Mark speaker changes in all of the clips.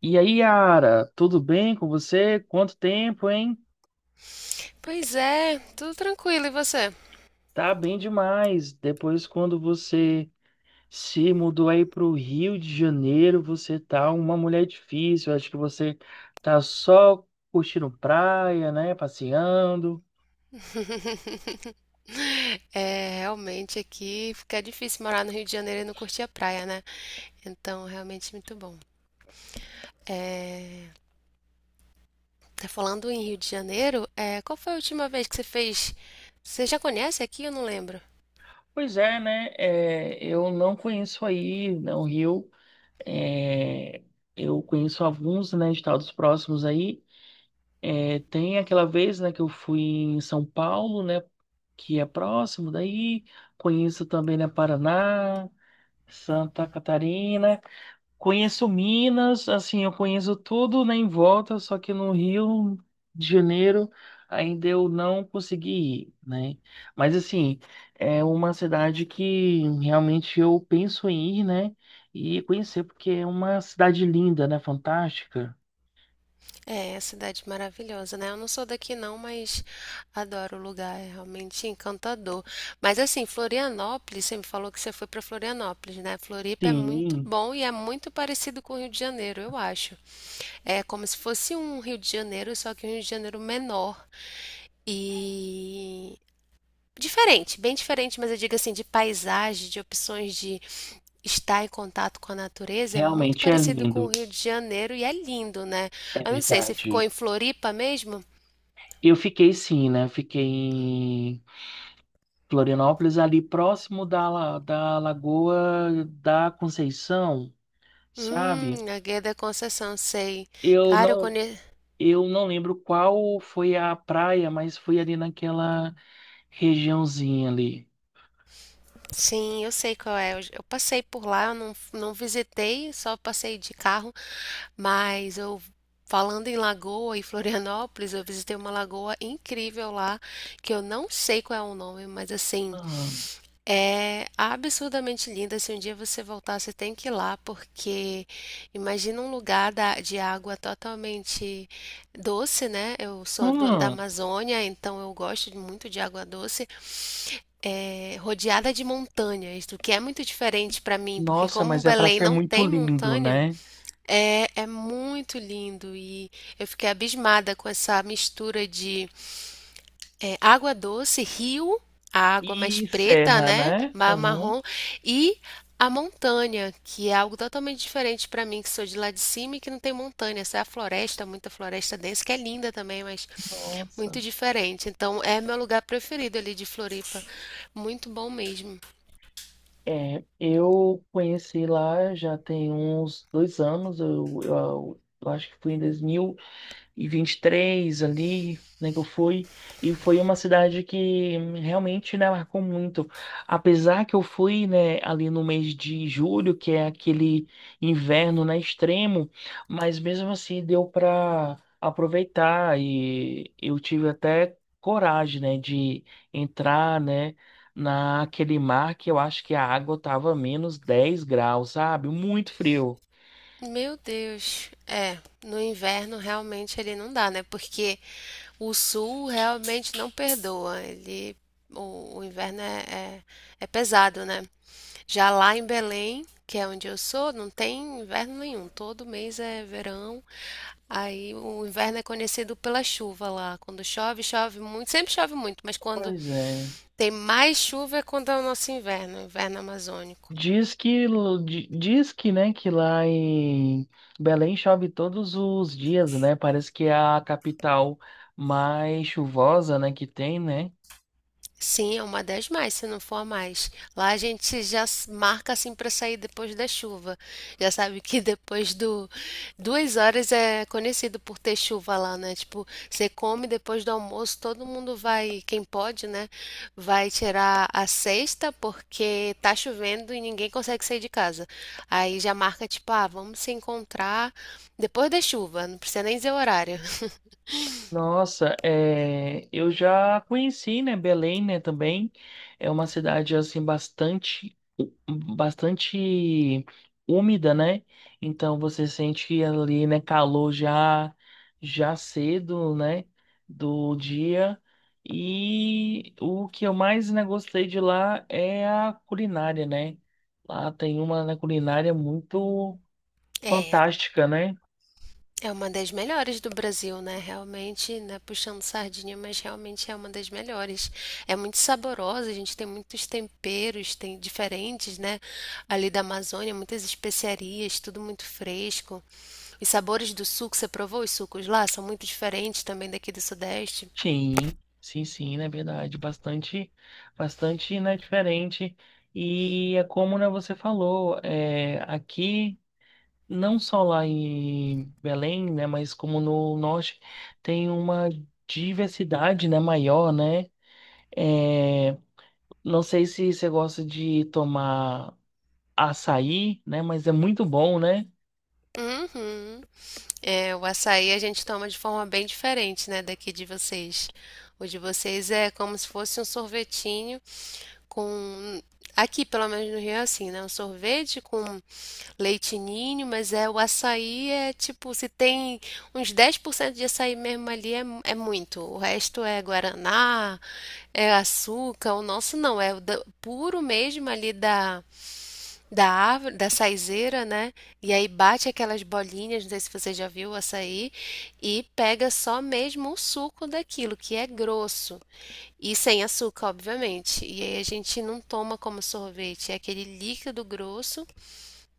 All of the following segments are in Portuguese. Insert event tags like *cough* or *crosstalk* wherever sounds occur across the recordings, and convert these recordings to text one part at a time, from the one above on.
Speaker 1: E aí, Yara, tudo bem com você? Quanto tempo, hein?
Speaker 2: Pois é, tudo tranquilo, e você?
Speaker 1: Tá bem demais. Depois, quando você se mudou aí para o Rio de Janeiro, você tá uma mulher difícil. Acho que você tá só curtindo praia, né? Passeando.
Speaker 2: *laughs* É, realmente aqui fica difícil morar no Rio de Janeiro e não curtir a praia, né? Então, realmente muito bom. É, tá falando em Rio de Janeiro, é, qual foi a última vez que você fez? Você já conhece aqui? Eu não lembro.
Speaker 1: Pois é, né? Eu não conheço aí, né, o Rio. É, eu conheço alguns, né, estados próximos aí. Tem aquela vez, né, que eu fui em São Paulo, né, que é próximo daí. Conheço também, né, Paraná, Santa Catarina. Conheço Minas, assim, eu conheço tudo, né, em volta, só que no Rio de Janeiro ainda eu não consegui ir, né? Mas, assim, é uma cidade que realmente eu penso em ir, né, e conhecer, porque é uma cidade linda, né, fantástica.
Speaker 2: É a cidade maravilhosa, né? Eu não sou daqui não, mas adoro o lugar, é realmente encantador. Mas assim, Florianópolis, você me falou que você foi para Florianópolis, né? Floripa é muito
Speaker 1: Sim,
Speaker 2: bom e é muito parecido com o Rio de Janeiro, eu acho. É como se fosse um Rio de Janeiro, só que um Rio de Janeiro menor. E diferente, bem diferente, mas eu digo assim, de paisagem, de opções de estar em contato com a natureza, é muito
Speaker 1: realmente é
Speaker 2: parecido com o
Speaker 1: lindo.
Speaker 2: Rio de Janeiro e é lindo, né?
Speaker 1: É
Speaker 2: Eu não sei, você ficou
Speaker 1: verdade.
Speaker 2: em Floripa mesmo?
Speaker 1: Eu fiquei sim, né? Eu fiquei em Florianópolis, ali próximo da Lagoa da Conceição, sabe?
Speaker 2: A Guia da Conceição, sei.
Speaker 1: Eu
Speaker 2: Cara, eu
Speaker 1: não,
Speaker 2: conheço.
Speaker 1: eu não lembro qual foi a praia, mas foi ali naquela regiãozinha ali.
Speaker 2: Sim, eu sei qual é. Eu passei por lá, eu não visitei, só passei de carro, mas eu. Falando em lagoa e Florianópolis, eu visitei uma lagoa incrível lá, que eu não sei qual é o nome, mas assim,
Speaker 1: Hum,
Speaker 2: é absurdamente linda. Se um dia você voltar, você tem que ir lá, porque imagina um lugar de água totalmente doce, né? Eu sou da
Speaker 1: hum.
Speaker 2: Amazônia, então eu gosto muito de água doce, é, rodeada de montanhas, o que é muito diferente para mim, porque
Speaker 1: Nossa,
Speaker 2: como
Speaker 1: mas é para
Speaker 2: Belém
Speaker 1: ser
Speaker 2: não
Speaker 1: muito
Speaker 2: tem
Speaker 1: lindo,
Speaker 2: montanha,
Speaker 1: né?
Speaker 2: é muito lindo e eu fiquei abismada com essa mistura de água doce, rio, a água mais
Speaker 1: E
Speaker 2: preta,
Speaker 1: serra,
Speaker 2: né?
Speaker 1: né? Aham.
Speaker 2: Marrom, e a montanha, que é algo totalmente diferente para mim, que sou de lá de cima e que não tem montanha. Essa é a floresta, muita floresta densa, que é linda também, mas
Speaker 1: Nossa.
Speaker 2: muito diferente. Então, é meu lugar preferido ali de Floripa. Muito bom mesmo.
Speaker 1: É, eu conheci lá já tem uns 2 anos, eu acho que foi em e 23 ali, né, que eu fui, e foi uma cidade que realmente, né, marcou muito. Apesar que eu fui, né, ali no mês de julho, que é aquele inverno, né, extremo, mas mesmo assim deu para aproveitar e eu tive até coragem, né, de entrar, né, naquele mar que eu acho que a água tava -10 graus, sabe? Muito frio.
Speaker 2: Meu Deus. No inverno realmente ele não dá, né? Porque o sul realmente não perdoa. O inverno é, é pesado, né? Já lá em Belém, que é onde eu sou, não tem inverno nenhum. Todo mês é verão. Aí o inverno é conhecido pela chuva lá. Quando chove, chove muito. Sempre chove muito, mas quando
Speaker 1: Pois é.
Speaker 2: tem mais chuva é quando é o nosso inverno, o inverno amazônico.
Speaker 1: Diz que, diz que, né, que lá em Belém chove todos os dias, né? Parece que é a capital mais chuvosa, né, que tem, né?
Speaker 2: Sim, é uma das mais, se não for a mais. Lá a gente marca assim para sair depois da chuva. Já sabe que depois do 2 horas é conhecido por ter chuva lá, né? Tipo, você come depois do almoço, todo mundo vai, quem pode, né? Vai tirar a cesta porque tá chovendo e ninguém consegue sair de casa. Aí já marca tipo, ah, vamos se encontrar depois da chuva, não precisa nem dizer o horário. *laughs*
Speaker 1: Nossa, é, eu já conheci, né, Belém, né, também. É uma cidade, assim, bastante úmida, né? Então você sente ali, né, calor já, já cedo, né, do dia. E o que eu mais, né, gostei de lá é a culinária, né? Lá tem uma, né, culinária muito
Speaker 2: É.
Speaker 1: fantástica, né?
Speaker 2: É uma das melhores do Brasil, né, realmente, né, puxando sardinha, mas realmente é uma das melhores. É muito saborosa, a gente tem muitos temperos, tem diferentes, né, ali da Amazônia, muitas especiarias, tudo muito fresco. Os sabores do suco, você provou os sucos lá? São muito diferentes também daqui do Sudeste.
Speaker 1: Sim, na verdade, bastante, né, diferente. E é como, né, você falou, é, aqui, não só lá em Belém, né, mas como no norte, tem uma diversidade, né, maior, né? É, não sei se você gosta de tomar açaí, né, mas é muito bom, né?
Speaker 2: Uhum. É, o açaí a gente toma de forma bem diferente, né, daqui de vocês. O de vocês é como se fosse um sorvetinho com. Aqui, pelo menos no Rio, é assim, né? Um sorvete com leite ninho, mas é o açaí é tipo, se tem uns 10% de açaí mesmo ali é, é muito. O resto é guaraná, é açúcar. O nosso não, é o puro mesmo ali da árvore, da saizeira, né? E aí bate aquelas bolinhas, não sei se você já viu o açaí, e pega só mesmo o suco daquilo, que é grosso, e sem açúcar, obviamente. E aí a gente não toma como sorvete, é aquele líquido grosso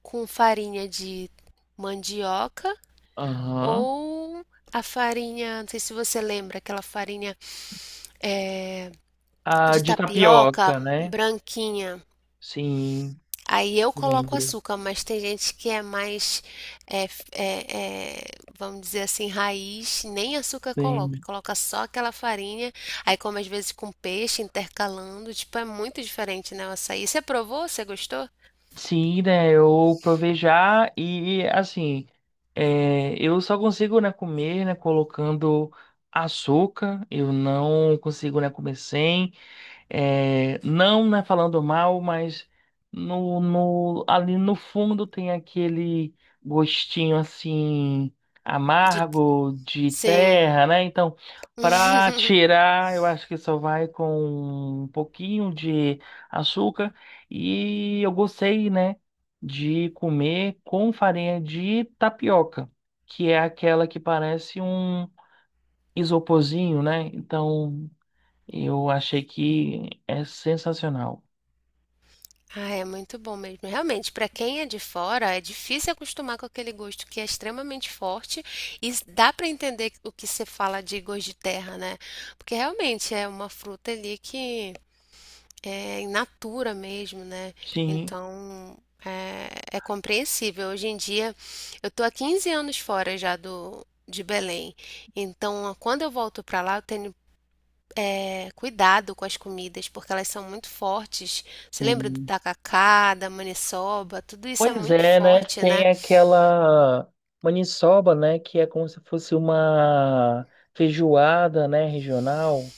Speaker 2: com farinha de mandioca
Speaker 1: Aham.
Speaker 2: ou a farinha, não sei se você lembra, aquela farinha eh,
Speaker 1: Ah,
Speaker 2: de
Speaker 1: de
Speaker 2: tapioca
Speaker 1: tapioca, né?
Speaker 2: branquinha.
Speaker 1: Sim,
Speaker 2: Aí eu coloco
Speaker 1: lembro.
Speaker 2: açúcar, mas tem gente que é mais, é, f- é, é, vamos dizer assim, raiz, nem açúcar coloca,
Speaker 1: Sim.
Speaker 2: coloca só aquela farinha, aí come às vezes com peixe, intercalando, tipo, é muito diferente, né, o açaí. Você provou? Você gostou?
Speaker 1: Sim, né? Eu provei já e assim, é, eu só consigo, né, comer, né, colocando açúcar. Eu não consigo, né, comer sem. É, não, né, falando mal, mas no, ali no fundo tem aquele gostinho assim
Speaker 2: De-
Speaker 1: amargo de
Speaker 2: Sim.
Speaker 1: terra, né? Então, para
Speaker 2: *laughs*
Speaker 1: tirar, eu acho que só vai com um pouquinho de açúcar e eu gostei, né, de comer com farinha de tapioca, que é aquela que parece um isoporzinho, né? Então, eu achei que é sensacional.
Speaker 2: Ah, é muito bom mesmo. Realmente, para quem é de fora, é difícil acostumar com aquele gosto que é extremamente forte e dá para entender o que você fala de gosto de terra, né? Porque realmente é uma fruta ali que é in natura mesmo, né?
Speaker 1: Sim,
Speaker 2: Então é, é compreensível. Hoje em dia eu tô há 15 anos fora já do de Belém. Então, quando eu volto para lá, eu tenho cuidado com as comidas, porque elas são muito fortes. Você lembra do
Speaker 1: sim.
Speaker 2: tacacá, da maniçoba? Tudo isso é
Speaker 1: Pois
Speaker 2: muito
Speaker 1: é, né?
Speaker 2: forte, né?
Speaker 1: Tem aquela maniçoba, né? Que é como se fosse uma feijoada, né? Regional.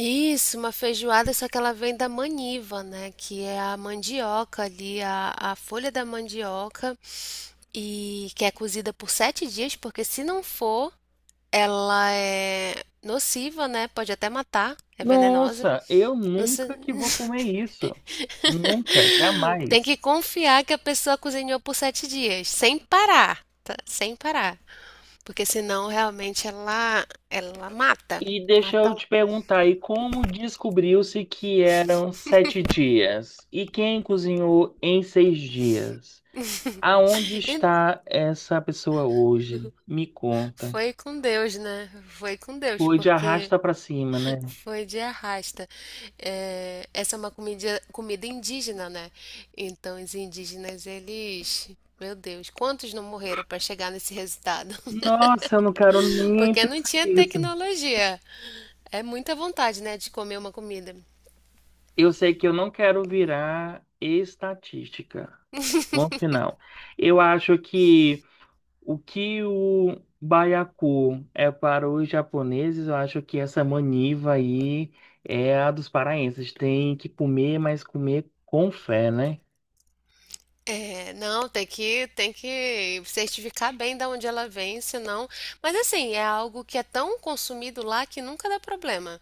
Speaker 2: Isso, uma feijoada, só que ela vem da maniva, né? Que é a mandioca ali, a folha da mandioca, e que é cozida por 7 dias, porque se não for, ela é nociva, né? Pode até matar, é venenosa.
Speaker 1: Nossa, eu
Speaker 2: Não se-
Speaker 1: nunca que vou comer isso. Nunca,
Speaker 2: Tem que
Speaker 1: jamais.
Speaker 2: confiar que a pessoa cozinhou por 7 dias, sem parar, tá? Sem parar, porque senão realmente ela mata.
Speaker 1: E deixa
Speaker 2: Mata
Speaker 1: eu
Speaker 2: um.
Speaker 1: te perguntar aí, como descobriu-se que eram 7 dias? E quem cozinhou em 6 dias? Aonde está essa pessoa hoje? Me
Speaker 2: *laughs*
Speaker 1: conta.
Speaker 2: Foi com Deus, né? Foi com Deus,
Speaker 1: Foi de
Speaker 2: porque.
Speaker 1: arrasta pra cima, né?
Speaker 2: Foi de arrasta. É, essa é uma comida, comida indígena, né? Então, os indígenas, eles. Meu Deus, quantos não morreram para chegar nesse resultado?
Speaker 1: Nossa, eu não quero
Speaker 2: *laughs*
Speaker 1: nem
Speaker 2: Porque não
Speaker 1: pensar
Speaker 2: tinha
Speaker 1: nisso.
Speaker 2: tecnologia. É muita vontade, né, de comer uma comida.
Speaker 1: Eu sei que eu não quero virar estatística. Ponto final. Eu acho que o baiacu é para os japoneses, eu acho que essa maniva aí é a dos paraenses. Tem que comer, mas comer com fé, né?
Speaker 2: É, não, tem que certificar bem da onde ela vem, senão. Mas assim, é algo que é tão consumido lá que nunca dá problema.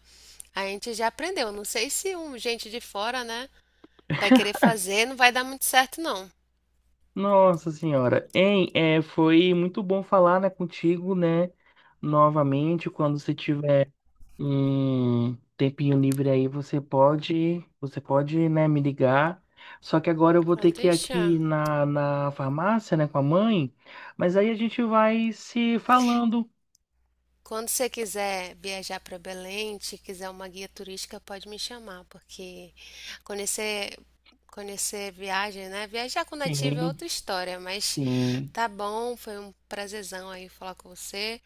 Speaker 2: A gente já aprendeu. Não sei se um gente de fora, né, vai querer fazer, não vai dar muito certo, não.
Speaker 1: Nossa senhora, hein? É, foi muito bom falar, né, contigo, né? Novamente, quando você tiver um tempinho livre aí, você pode, né, me ligar. Só que agora eu vou ter
Speaker 2: Pode
Speaker 1: que ir aqui
Speaker 2: deixar.
Speaker 1: na farmácia, né, com a mãe. Mas aí a gente vai se falando.
Speaker 2: Quando você quiser viajar para Belém, se quiser uma guia turística, pode me chamar, porque conhecer, conhecer viagem, né? Viajar com nativo é
Speaker 1: Sim,
Speaker 2: outra história, mas
Speaker 1: sim.
Speaker 2: tá bom, foi um prazerzão aí falar com você.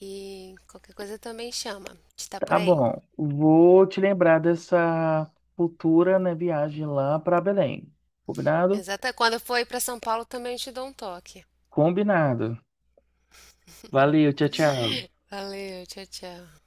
Speaker 2: E qualquer coisa também chama. A gente tá por
Speaker 1: Tá
Speaker 2: aí.
Speaker 1: bom. Vou te lembrar dessa futura, né, viagem lá para Belém. Combinado?
Speaker 2: Exata. Quando eu for aí para São Paulo, também te dou um toque.
Speaker 1: Combinado. Valeu, tchau, tchau.
Speaker 2: Valeu, tchau, tchau.